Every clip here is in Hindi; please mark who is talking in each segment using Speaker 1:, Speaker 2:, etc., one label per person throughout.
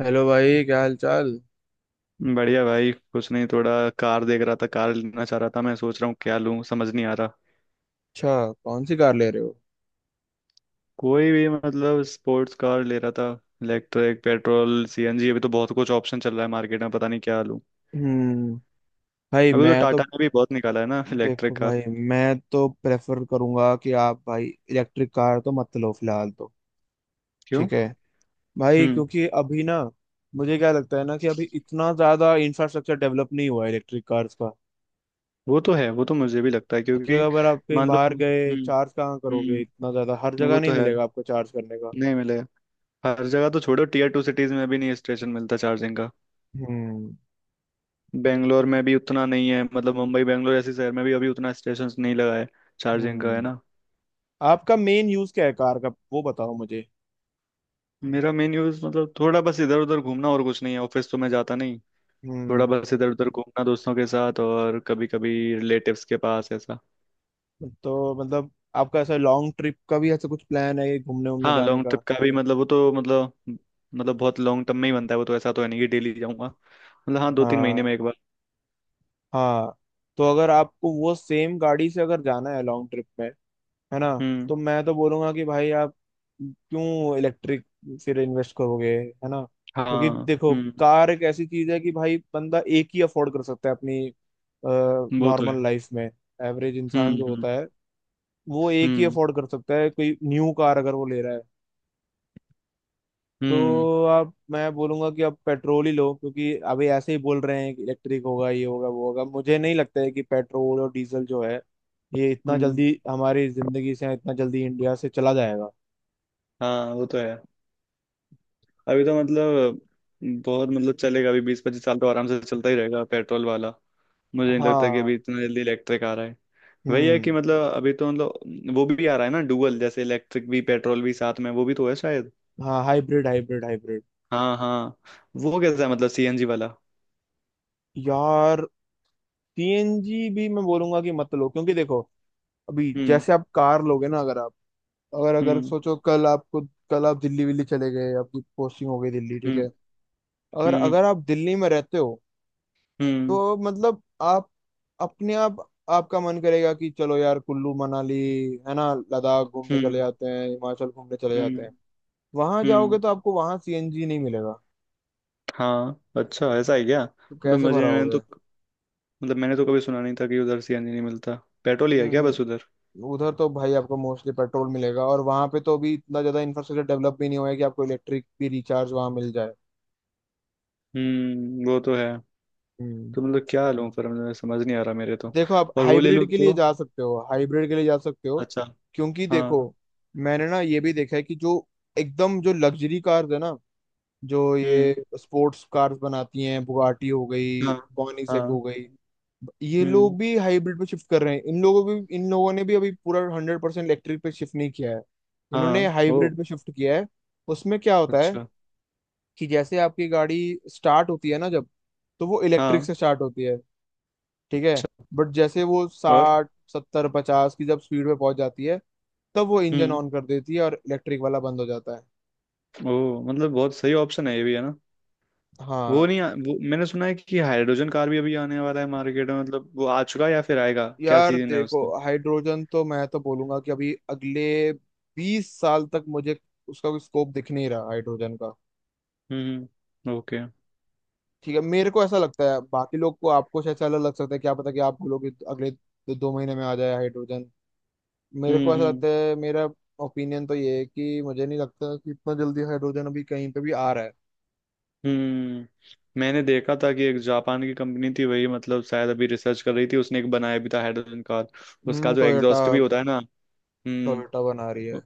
Speaker 1: हेलो भाई, क्या हाल चाल।
Speaker 2: बढ़िया भाई। कुछ नहीं, थोड़ा कार देख रहा था, कार लेना चाह रहा था। मैं सोच रहा हूँ क्या लूँ, समझ नहीं आ रहा।
Speaker 1: अच्छा, कौन सी कार ले रहे हो।
Speaker 2: कोई भी, मतलब स्पोर्ट्स कार ले रहा था। इलेक्ट्रिक, पेट्रोल, सीएनजी, अभी तो बहुत कुछ ऑप्शन चल रहा है मार्केट में, पता नहीं क्या लूँ।
Speaker 1: हम्म। भाई
Speaker 2: अभी तो
Speaker 1: मैं तो
Speaker 2: टाटा ने भी बहुत निकाला है ना
Speaker 1: देखो
Speaker 2: इलेक्ट्रिक कार।
Speaker 1: भाई, मैं तो प्रेफर करूंगा कि आप भाई इलेक्ट्रिक कार तो मत लो फिलहाल तो।
Speaker 2: क्यों?
Speaker 1: ठीक है। भाई
Speaker 2: हम्म।
Speaker 1: क्योंकि अभी ना, मुझे क्या लगता है ना कि अभी इतना ज्यादा इंफ्रास्ट्रक्चर डेवलप नहीं हुआ है इलेक्ट्रिक कार्स का,
Speaker 2: वो तो है, वो तो मुझे भी लगता है,
Speaker 1: कि
Speaker 2: क्योंकि
Speaker 1: अगर आप कहीं
Speaker 2: मान लो।
Speaker 1: बाहर गए,
Speaker 2: हम्म।
Speaker 1: चार्ज कहाँ करोगे,
Speaker 2: हम्म।
Speaker 1: इतना ज्यादा हर
Speaker 2: वो
Speaker 1: जगह नहीं
Speaker 2: तो है।
Speaker 1: मिलेगा आपको चार्ज करने का।
Speaker 2: नहीं मिलेगा। हर जगह तो छोड़ो, टीयर टू सिटीज में भी नहीं स्टेशन मिलता चार्जिंग का।
Speaker 1: हम्म।
Speaker 2: बेंगलोर में भी उतना नहीं है, मतलब मुंबई, बेंगलोर, ऐसे शहर में भी अभी उतना स्टेशन नहीं लगा है चार्जिंग का, है
Speaker 1: हम्म।
Speaker 2: ना।
Speaker 1: आपका मेन यूज क्या है कार का, वो बताओ मुझे।
Speaker 2: मेरा मेन यूज मतलब थोड़ा बस इधर उधर घूमना और कुछ नहीं है, ऑफिस तो मैं जाता नहीं। थोड़ा
Speaker 1: हम्म।
Speaker 2: बस इधर उधर घूमना दोस्तों के साथ, और कभी कभी रिलेटिव्स के पास, ऐसा।
Speaker 1: तो मतलब आपका ऐसा लॉन्ग ट्रिप का भी ऐसा कुछ प्लान है, ये घूमने उमने
Speaker 2: हाँ
Speaker 1: जाने
Speaker 2: लॉन्ग
Speaker 1: का।
Speaker 2: ट्रिप का भी मतलब, वो तो मतलब बहुत लॉन्ग टर्म में ही बनता है वो तो। ऐसा तो है नहीं कि डेली जाऊंगा, मतलब हाँ 2-3 महीने
Speaker 1: हाँ।
Speaker 2: में एक बार।
Speaker 1: हाँ। तो अगर आपको वो सेम गाड़ी से अगर जाना है लॉन्ग ट्रिप में, है ना,
Speaker 2: हम्म।
Speaker 1: तो मैं तो बोलूंगा कि भाई आप क्यों इलेक्ट्रिक फिर इन्वेस्ट करोगे, है ना। क्योंकि
Speaker 2: हाँ।
Speaker 1: देखो,
Speaker 2: हम्म।
Speaker 1: कार एक ऐसी चीज है कि भाई बंदा एक ही अफोर्ड कर सकता है अपनी
Speaker 2: वो तो है।
Speaker 1: नॉर्मल लाइफ में। एवरेज इंसान
Speaker 2: हम्म।
Speaker 1: जो
Speaker 2: हम्म।
Speaker 1: होता है वो एक ही
Speaker 2: हम्म।
Speaker 1: अफोर्ड कर सकता है, कोई न्यू कार अगर वो ले रहा है।
Speaker 2: हम्म।
Speaker 1: तो आप, मैं बोलूंगा कि आप पेट्रोल ही लो, क्योंकि अभी ऐसे ही बोल रहे हैं कि इलेक्ट्रिक होगा, ये होगा, वो होगा। मुझे नहीं लगता है कि पेट्रोल और डीजल जो है, ये इतना
Speaker 2: हम्म।
Speaker 1: जल्दी हमारी जिंदगी से, इतना जल्दी इंडिया से चला जाएगा।
Speaker 2: हाँ वो तो है। अभी तो मतलब बहुत, मतलब चलेगा अभी, 20-25 साल तो आराम से चलता ही रहेगा पेट्रोल वाला। मुझे नहीं लगता कि अभी
Speaker 1: हाँ।
Speaker 2: इतना जल्दी इलेक्ट्रिक आ रहा है। वही है कि
Speaker 1: हम्म।
Speaker 2: मतलब अभी तो, मतलब वो भी आ रहा है ना डुअल, जैसे इलेक्ट्रिक भी पेट्रोल भी साथ में, वो भी तो है शायद।
Speaker 1: हाँ, हाइब्रिड हाइब्रिड हाइब्रिड।
Speaker 2: हाँ हाँ। वो कैसा है मतलब, सीएनजी वाला?
Speaker 1: यार, सीएनजी भी मैं बोलूंगा कि मत लो, क्योंकि देखो, अभी
Speaker 2: हम्म।
Speaker 1: जैसे आप कार लोगे ना, अगर आप, अगर अगर
Speaker 2: हम्म।
Speaker 1: सोचो, कल आपको, कल आप दिल्ली विल्ली चले गए, आपकी पोस्टिंग हो गई दिल्ली, ठीक है।
Speaker 2: हम्म।
Speaker 1: अगर
Speaker 2: हम्म।
Speaker 1: अगर आप दिल्ली में रहते हो,
Speaker 2: हम्म।
Speaker 1: तो मतलब आप अपने आप, आपका मन करेगा कि चलो यार कुल्लू मनाली, है ना, लद्दाख घूमने चले
Speaker 2: हम्म।
Speaker 1: जाते हैं, हिमाचल घूमने चले
Speaker 2: हम्म।
Speaker 1: जाते हैं। वहां
Speaker 2: हम्म।
Speaker 1: जाओगे तो आपको वहां सीएनजी नहीं मिलेगा,
Speaker 2: हाँ अच्छा, ऐसा है क्या?
Speaker 1: तो
Speaker 2: मतलब
Speaker 1: कैसे
Speaker 2: मुझे, मैंने
Speaker 1: भराओगे।
Speaker 2: तो मतलब मैंने तो कभी सुना नहीं था कि उधर सीएनजी नहीं मिलता। पेट्रोल ही है क्या बस
Speaker 1: हम्म।
Speaker 2: उधर?
Speaker 1: उधर तो भाई आपको मोस्टली पेट्रोल मिलेगा, और वहां पे तो अभी इतना ज्यादा इंफ्रास्ट्रक्चर डेवलप भी नहीं हुआ है कि आपको इलेक्ट्रिक भी रिचार्ज वहां मिल जाए।
Speaker 2: हम्म। वो तो है।
Speaker 1: हम्म।
Speaker 2: तो मतलब क्या लूँ फिर, मतलब समझ नहीं आ रहा मेरे तो।
Speaker 1: देखो, आप
Speaker 2: और वो ले लूँ
Speaker 1: हाइब्रिड के लिए
Speaker 2: तो?
Speaker 1: जा सकते हो, हाइब्रिड के लिए जा सकते हो,
Speaker 2: अच्छा।
Speaker 1: क्योंकि देखो,
Speaker 2: हाँ।
Speaker 1: मैंने ना ये भी देखा है कि जो एकदम जो लग्जरी कार्स है ना, जो
Speaker 2: हम्म।
Speaker 1: ये स्पोर्ट्स कार्स बनाती हैं, बुगाटी हो गई,
Speaker 2: हाँ।
Speaker 1: कॉनिसेक हो
Speaker 2: हाँ।
Speaker 1: गई, ये
Speaker 2: हम्म।
Speaker 1: लोग भी हाइब्रिड पे शिफ्ट कर रहे हैं। इन लोगों ने भी अभी पूरा 100% इलेक्ट्रिक पे शिफ्ट नहीं किया है। इन्होंने
Speaker 2: हाँ। ओ।
Speaker 1: हाइब्रिड पे शिफ्ट किया है। उसमें क्या होता है
Speaker 2: अच्छा।
Speaker 1: कि जैसे आपकी गाड़ी स्टार्ट होती है ना जब, तो वो इलेक्ट्रिक
Speaker 2: हाँ।
Speaker 1: से स्टार्ट होती है, ठीक है।
Speaker 2: अच्छा।
Speaker 1: बट जैसे वो
Speaker 2: और?
Speaker 1: 60 70 50 की जब स्पीड पे पहुंच जाती है, तब वो इंजन
Speaker 2: हम्म।
Speaker 1: ऑन कर देती है और इलेक्ट्रिक वाला बंद हो जाता है।
Speaker 2: ओ मतलब बहुत सही ऑप्शन है ये भी, है ना? वो
Speaker 1: हाँ।
Speaker 2: नहीं आ, वो मैंने सुना है कि हाइड्रोजन कार भी अभी आने वाला है मार्केट में। मतलब वो आ चुका है या फिर आएगा? क्या
Speaker 1: यार
Speaker 2: सीजन है
Speaker 1: देखो,
Speaker 2: उसका?
Speaker 1: हाइड्रोजन तो मैं तो बोलूंगा कि अभी अगले 20 साल तक मुझे उसका कोई स्कोप दिख नहीं रहा, हाइड्रोजन का।
Speaker 2: हम्म। ओके। Okay।
Speaker 1: ठीक है, मेरे को ऐसा लगता है, बाकी लोग को, आपको शायद से अलग लग सकता है, क्या पता कि आप बोलोगे तो अगले दो, दो महीने में आ जाए हाइड्रोजन। मेरे
Speaker 2: हम्म।
Speaker 1: को ऐसा
Speaker 2: हम्म।
Speaker 1: लगता है, मेरा ओपिनियन तो ये है कि मुझे नहीं लगता कि इतना जल्दी हाइड्रोजन अभी कहीं पे भी आ रहा है।
Speaker 2: हम्म। मैंने देखा था कि एक जापान की कंपनी थी, वही मतलब शायद अभी रिसर्च कर रही थी, उसने एक बनाया भी था हाइड्रोजन कार। उसका
Speaker 1: हम्म,
Speaker 2: जो
Speaker 1: टोयोटा।
Speaker 2: एग्जॉस्ट भी होता है ना।
Speaker 1: टोयोटा
Speaker 2: हम्म।
Speaker 1: बना रही है।
Speaker 2: उ-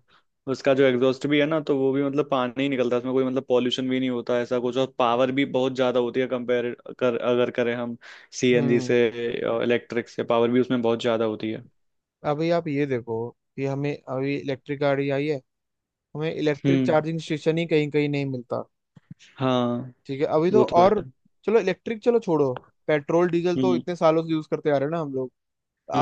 Speaker 2: उसका जो एग्जॉस्ट भी है ना तो वो भी मतलब पानी ही निकलता है उसमें, कोई मतलब पॉल्यूशन भी नहीं होता ऐसा कुछ, और पावर भी बहुत ज्यादा होती है कंपेयर कर, अगर करें हम सीएनजी से,
Speaker 1: हम्म।
Speaker 2: इलेक्ट्रिक से, पावर भी उसमें बहुत ज्यादा होती है।
Speaker 1: अभी आप ये देखो कि हमें अभी इलेक्ट्रिक गाड़ी आई है, हमें इलेक्ट्रिक
Speaker 2: हम्म।
Speaker 1: चार्जिंग स्टेशन ही कहीं कहीं नहीं मिलता।
Speaker 2: हाँ
Speaker 1: ठीक है, अभी तो
Speaker 2: वो तो
Speaker 1: और
Speaker 2: है।
Speaker 1: चलो इलेक्ट्रिक चलो छोड़ो, पेट्रोल डीजल तो
Speaker 2: हम्म।
Speaker 1: इतने सालों से यूज करते आ रहे हैं ना हम लोग।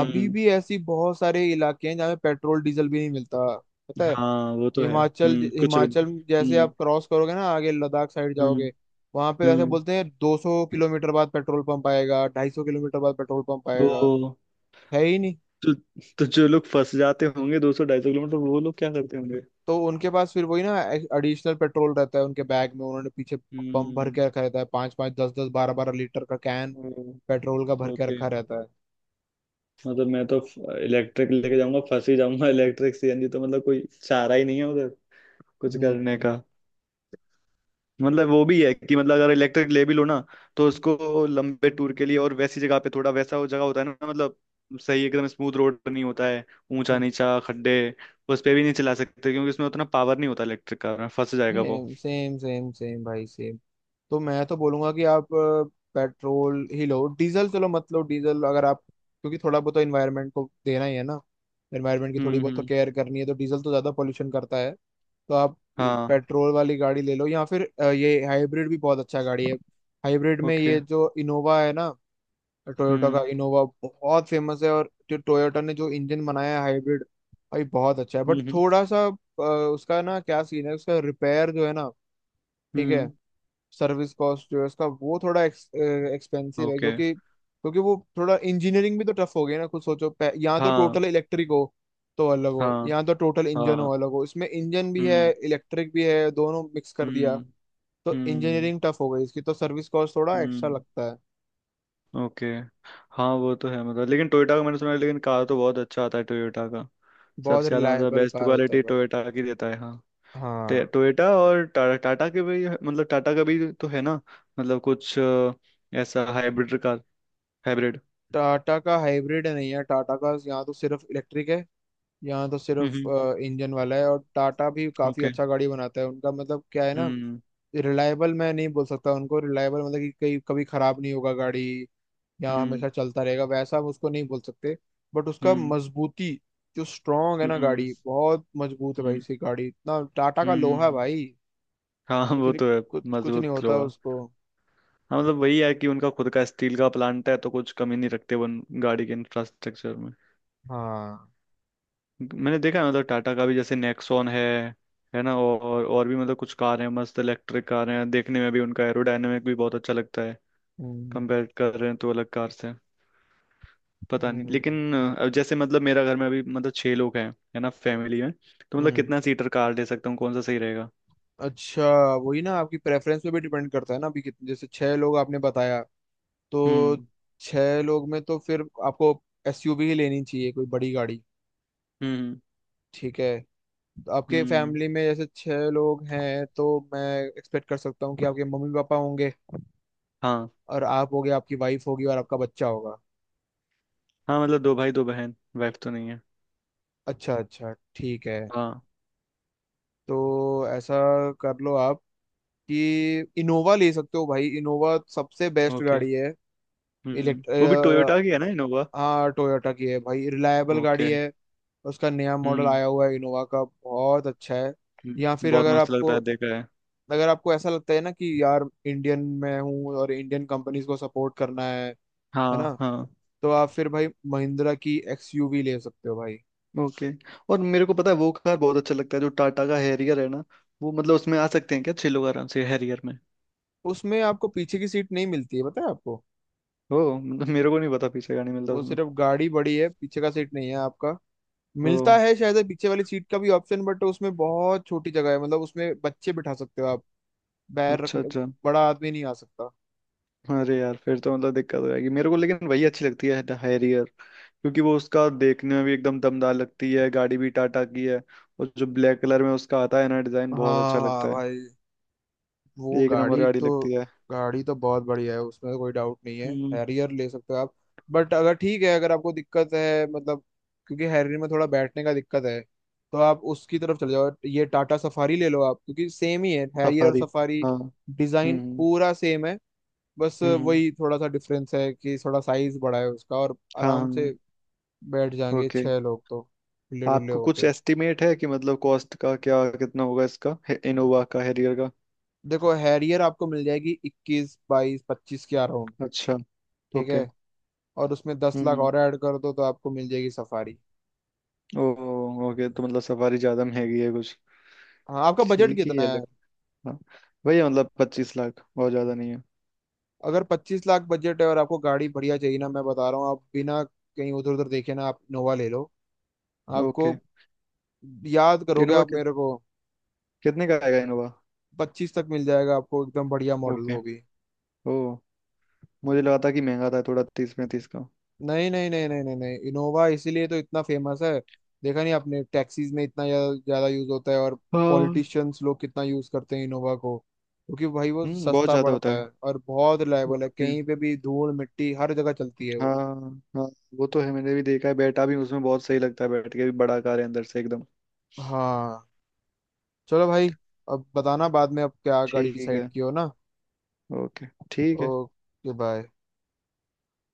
Speaker 1: अभी भी ऐसी बहुत सारे इलाके हैं जहाँ पे पेट्रोल डीजल भी नहीं मिलता, पता है।
Speaker 2: हाँ वो तो है।
Speaker 1: हिमाचल,
Speaker 2: हम्म।
Speaker 1: हिमाचल जैसे
Speaker 2: हम्म।
Speaker 1: आप क्रॉस करोगे ना, आगे लद्दाख साइड
Speaker 2: हम्म।
Speaker 1: जाओगे, वहां पे ऐसे
Speaker 2: हम्म।
Speaker 1: बोलते हैं, 200 किलोमीटर बाद पेट्रोल पंप आएगा, 250 किलोमीटर बाद पेट्रोल पंप आएगा,
Speaker 2: वो
Speaker 1: है ही नहीं।
Speaker 2: तो। तो जो लोग फंस जाते होंगे 200-250 किलोमीटर, वो लोग क्या करते होंगे?
Speaker 1: तो उनके पास फिर वही ना, एडिशनल पेट्रोल रहता है उनके बैग में, उन्होंने पीछे पंप भर
Speaker 2: हम्म।
Speaker 1: के रखा रहता है, 5, 5, 10, 10, 12, 12 लीटर का कैन, पेट्रोल का भर के
Speaker 2: ओके।
Speaker 1: रखा रहता है।
Speaker 2: मतलब मैं तो इलेक्ट्रिक लेके जाऊंगा फंस ही जाऊंगा इलेक्ट्रिक, सीएनजी तो मतलब कोई चारा ही नहीं है उधर कुछ करने
Speaker 1: हम्म।
Speaker 2: का। मतलब वो भी है कि मतलब अगर इलेक्ट्रिक ले भी लो ना, तो उसको लंबे टूर के लिए और वैसी जगह पे, थोड़ा वैसा वो जगह होता है ना मतलब, सही एकदम स्मूथ रोड नहीं होता है, ऊंचा नीचा खड्डे, उस पे भी नहीं चला सकते क्योंकि उसमें उतना पावर नहीं होता इलेक्ट्रिक का, फंस जाएगा वो।
Speaker 1: सेम सेम सेम सेम भाई सेम। तो मैं तो बोलूंगा कि आप, पेट्रोल ही लो, डीजल चलो मत लो डीजल, अगर आप, क्योंकि थोड़ा बहुत तो इन्वायरमेंट को देना ही है ना, एनवायरनमेंट की थोड़ी
Speaker 2: हम्म।
Speaker 1: बहुत तो
Speaker 2: हम्म।
Speaker 1: केयर करनी है, तो डीजल तो ज्यादा पोल्यूशन करता है। तो आप
Speaker 2: हाँ।
Speaker 1: पेट्रोल वाली गाड़ी ले लो, या फिर ये हाइब्रिड भी बहुत अच्छा गाड़ी है। हाइब्रिड में
Speaker 2: ओके।
Speaker 1: ये जो इनोवा है ना, टोयोटा का
Speaker 2: हम्म।
Speaker 1: इनोवा बहुत फेमस है, और जो टोयोटा ने जो इंजन बनाया है हाइब्रिड, भाई बहुत अच्छा है। बट
Speaker 2: हम्म।
Speaker 1: थोड़ा सा उसका ना क्या सीन है, उसका रिपेयर जो है ना, ठीक
Speaker 2: हम्म।
Speaker 1: है,
Speaker 2: हम्म।
Speaker 1: सर्विस कॉस्ट जो है उसका, वो थोड़ा एक्सपेंसिव है,
Speaker 2: ओके।
Speaker 1: क्योंकि क्योंकि वो थोड़ा इंजीनियरिंग भी तो टफ हो गई ना, कुछ सोचो, यहाँ तो
Speaker 2: हाँ।
Speaker 1: टोटल इलेक्ट्रिक हो तो अलग हो,
Speaker 2: हाँ।
Speaker 1: यहाँ तो टोटल इंजन हो
Speaker 2: हाँ।
Speaker 1: अलग हो, इसमें इंजन भी है,
Speaker 2: हम्म।
Speaker 1: इलेक्ट्रिक भी है, दोनों मिक्स कर दिया।
Speaker 2: हम्म।
Speaker 1: तो
Speaker 2: हम्म।
Speaker 1: इंजीनियरिंग टफ हो गई इसकी, तो सर्विस कॉस्ट थोड़ा एक्स्ट्रा
Speaker 2: हम्म।
Speaker 1: लगता है।
Speaker 2: ओके। हाँ वो तो है, मतलब, लेकिन टोयोटा का मैंने सुना है लेकिन, कार तो बहुत अच्छा आता है टोयोटा का।
Speaker 1: बहुत
Speaker 2: सबसे ज़्यादा मतलब
Speaker 1: रिलायबल
Speaker 2: बेस्ट
Speaker 1: कार होता है
Speaker 2: क्वालिटी
Speaker 1: भाई।
Speaker 2: टोयोटा की देता है, हाँ।
Speaker 1: हाँ।
Speaker 2: टोयोटा और टाटा, टाटा के भी मतलब टाटा का भी तो है ना, मतलब कुछ ऐसा हाइब्रिड कार, हाइब्रिड।
Speaker 1: टाटा का हाइब्रिड नहीं है, टाटा का यहाँ तो सिर्फ इलेक्ट्रिक है, यहाँ तो
Speaker 2: हम्म।
Speaker 1: सिर्फ
Speaker 2: हम्म।
Speaker 1: इंजन वाला है। और टाटा भी काफी
Speaker 2: ओके।
Speaker 1: अच्छा गाड़ी बनाता है, उनका मतलब क्या है ना,
Speaker 2: हम्म।
Speaker 1: रिलायबल मैं नहीं बोल सकता उनको, रिलायबल मतलब कि कहीं कभी खराब नहीं होगा गाड़ी या
Speaker 2: हम्म।
Speaker 1: हमेशा चलता रहेगा, वैसा हम उसको नहीं बोल सकते। बट उसका
Speaker 2: हम्म।
Speaker 1: मजबूती जो स्ट्रांग है ना,
Speaker 2: हम्म।
Speaker 1: गाड़ी बहुत मजबूत है भाई,
Speaker 2: हम्म।
Speaker 1: इसकी गाड़ी, इतना टाटा का लोहा है
Speaker 2: हम्म,
Speaker 1: भाई,
Speaker 2: हाँ
Speaker 1: कुछ
Speaker 2: वो
Speaker 1: नहीं,
Speaker 2: तो है।
Speaker 1: कुछ कुछ नहीं
Speaker 2: मजबूत
Speaker 1: होता
Speaker 2: लोहा।
Speaker 1: उसको।
Speaker 2: हाँ मतलब वही है कि उनका खुद का स्टील का प्लांट है, तो कुछ कमी नहीं रखते वो उन गाड़ी के इंफ्रास्ट्रक्चर में।
Speaker 1: हाँ।
Speaker 2: मैंने देखा है मतलब टाटा का भी, जैसे नेक्सॉन है ना, और भी मतलब कुछ कार हैं, मस्त इलेक्ट्रिक कार हैं, देखने में भी उनका एरोडायनेमिक भी बहुत अच्छा लगता है
Speaker 1: हम्म।
Speaker 2: कंपेयर कर रहे हैं तो अलग कार से। पता नहीं,
Speaker 1: हम्म।
Speaker 2: लेकिन जैसे मतलब मेरा घर में अभी मतलब छह लोग हैं, है ना फैमिली में, तो मतलब
Speaker 1: हम्म।
Speaker 2: कितना सीटर कार ले सकता हूँ, कौन सा सही रहेगा?
Speaker 1: अच्छा, वही ना, आपकी प्रेफरेंस पे भी डिपेंड करता है ना, अभी कितने, जैसे छह लोग आपने बताया, तो
Speaker 2: हम्म।
Speaker 1: छह लोग में तो फिर आपको एसयूवी ही लेनी चाहिए, कोई बड़ी गाड़ी।
Speaker 2: हम्म।
Speaker 1: ठीक है, तो आपके
Speaker 2: हम्म।
Speaker 1: फैमिली में जैसे छह लोग हैं, तो मैं एक्सपेक्ट कर सकता हूँ कि आपके मम्मी पापा होंगे,
Speaker 2: हाँ।
Speaker 1: और आप होगे, आपकी वाइफ होगी, और आपका बच्चा होगा।
Speaker 2: हाँ मतलब दो भाई दो बहन, वाइफ तो नहीं है।
Speaker 1: अच्छा, अच्छा, ठीक है।
Speaker 2: हाँ।
Speaker 1: तो ऐसा कर लो आप कि इनोवा ले सकते हो भाई, इनोवा सबसे बेस्ट
Speaker 2: ओके।
Speaker 1: गाड़ी है। इलेक्ट
Speaker 2: वो भी टोयोटा की है ना इनोवा?
Speaker 1: हाँ, टोयोटा की है भाई, रिलायबल गाड़ी
Speaker 2: ओके।
Speaker 1: है। उसका नया मॉडल
Speaker 2: हम्म।
Speaker 1: आया हुआ है इनोवा का, बहुत अच्छा है। या फिर
Speaker 2: बहुत
Speaker 1: अगर
Speaker 2: मस्त लगता
Speaker 1: आपको,
Speaker 2: है, देखा है।
Speaker 1: अगर आपको ऐसा लगता है ना कि यार इंडियन में हूँ और इंडियन कंपनीज को सपोर्ट करना है
Speaker 2: हाँ
Speaker 1: ना,
Speaker 2: हाँ।
Speaker 1: तो आप फिर भाई महिंद्रा की एक्सयूवी ले सकते हो भाई।
Speaker 2: ओके। और मेरे को पता है वो कार बहुत अच्छा लगता है जो टाटा का हैरियर है ना, वो। मतलब उसमें आ सकते हैं क्या छह लोग आराम से हैरियर में?
Speaker 1: उसमें आपको पीछे की सीट नहीं मिलती है, पता है आपको।
Speaker 2: ओ मतलब मेरे को नहीं पता पीछे गाड़ी मिलता
Speaker 1: वो
Speaker 2: उसमें।
Speaker 1: सिर्फ गाड़ी बड़ी है, पीछे का सीट नहीं है आपका।
Speaker 2: ओ
Speaker 1: मिलता है शायद पीछे वाली सीट का भी ऑप्शन, बट उसमें बहुत छोटी जगह है, मतलब उसमें बच्चे बिठा सकते हो आप पैर
Speaker 2: अच्छा,
Speaker 1: रखने,
Speaker 2: अच्छा।
Speaker 1: बड़ा आदमी नहीं आ सकता।
Speaker 2: अरे यार, फिर तो मतलब दिक्कत हो जाएगी मेरे को, लेकिन वही अच्छी लगती है हैरियर, क्योंकि वो उसका देखने में भी एकदम दमदार लगती है, गाड़ी भी टाटा की है, और जो ब्लैक कलर में उसका आता है ना, डिजाइन बहुत
Speaker 1: हाँ,
Speaker 2: अच्छा
Speaker 1: हाँ,
Speaker 2: लगता है।
Speaker 1: भाई, वो
Speaker 2: एक नंबर
Speaker 1: गाड़ी
Speaker 2: गाड़ी
Speaker 1: तो,
Speaker 2: लगती
Speaker 1: गाड़ी तो बहुत बढ़िया है, उसमें तो कोई डाउट नहीं है।
Speaker 2: है।
Speaker 1: हैरियर ले सकते हो आप, बट अगर, ठीक है, अगर आपको दिक्कत है, मतलब क्योंकि हैरियर में थोड़ा बैठने का दिक्कत है, तो आप उसकी तरफ चले जाओ, ये टाटा सफारी ले लो आप, क्योंकि सेम ही है हैरियर और
Speaker 2: सफारी।
Speaker 1: सफारी,
Speaker 2: हाँ।
Speaker 1: डिजाइन
Speaker 2: हम्म।
Speaker 1: पूरा सेम है। बस
Speaker 2: हम्म।
Speaker 1: वही थोड़ा सा डिफरेंस है कि थोड़ा साइज बड़ा है उसका, और
Speaker 2: हाँ।
Speaker 1: आराम से
Speaker 2: हाँ।
Speaker 1: बैठ जाएंगे
Speaker 2: ओके।
Speaker 1: छह लोग तो, खुले डुल्ले
Speaker 2: आपको कुछ
Speaker 1: होके।
Speaker 2: एस्टिमेट है कि मतलब कॉस्ट का क्या कितना होगा इसका, इनोवा का, हैरियर का?
Speaker 1: देखो, हैरियर आपको मिल जाएगी 21, 22, 25 के अराउंड,
Speaker 2: अच्छा।
Speaker 1: ठीक है,
Speaker 2: ओके।
Speaker 1: और उसमें 10 लाख
Speaker 2: हम्म।
Speaker 1: और ऐड कर दो तो आपको मिल जाएगी सफारी।
Speaker 2: ओ। ओके तो मतलब सफारी ज्यादा महंगी है कुछ।
Speaker 1: हाँ, आपका बजट
Speaker 2: ठीक ही
Speaker 1: कितना
Speaker 2: है
Speaker 1: है।
Speaker 2: लग हाँ वही है, मतलब 25 लाख और ज्यादा नहीं है।
Speaker 1: अगर 25 लाख बजट है और आपको गाड़ी बढ़िया चाहिए ना, मैं बता रहा हूँ, आप बिना कहीं उधर उधर देखे ना, आप इनोवा ले लो। आपको,
Speaker 2: ओके।
Speaker 1: याद करोगे
Speaker 2: इनोवा
Speaker 1: आप
Speaker 2: कि,
Speaker 1: मेरे को।
Speaker 2: कितने का आएगा इनोवा?
Speaker 1: 25 तक मिल जाएगा आपको एकदम बढ़िया मॉडल
Speaker 2: ओके।
Speaker 1: वो भी।
Speaker 2: ओ। मुझे लगा था कि महंगा था थोड़ा, 30-35 का।
Speaker 1: नहीं नहीं नहीं नहीं नहीं नहीं, इनोवा इसीलिए तो इतना फेमस है। देखा नहीं आपने, टैक्सीज में इतना ज्यादा यूज होता है, और
Speaker 2: हाँ।
Speaker 1: पॉलिटिशियंस लोग कितना यूज करते हैं इनोवा को, क्योंकि भाई वो
Speaker 2: हम्म, बहुत
Speaker 1: सस्ता
Speaker 2: ज्यादा होता
Speaker 1: पड़ता है
Speaker 2: है।
Speaker 1: और बहुत रिलायबल है,
Speaker 2: ओके।
Speaker 1: कहीं पे भी धूल मिट्टी हर जगह चलती है वो।
Speaker 2: हाँ। हाँ वो तो है, मैंने भी देखा है, बैठा भी उसमें, बहुत सही लगता है बैठ के भी, बड़ा कार है अंदर से एकदम।
Speaker 1: हाँ। चलो भाई, अब बताना बाद में, अब क्या गाड़ी
Speaker 2: ठीक
Speaker 1: डिसाइड
Speaker 2: है।
Speaker 1: की हो ना।
Speaker 2: ओके ठीक है।
Speaker 1: Okay bye.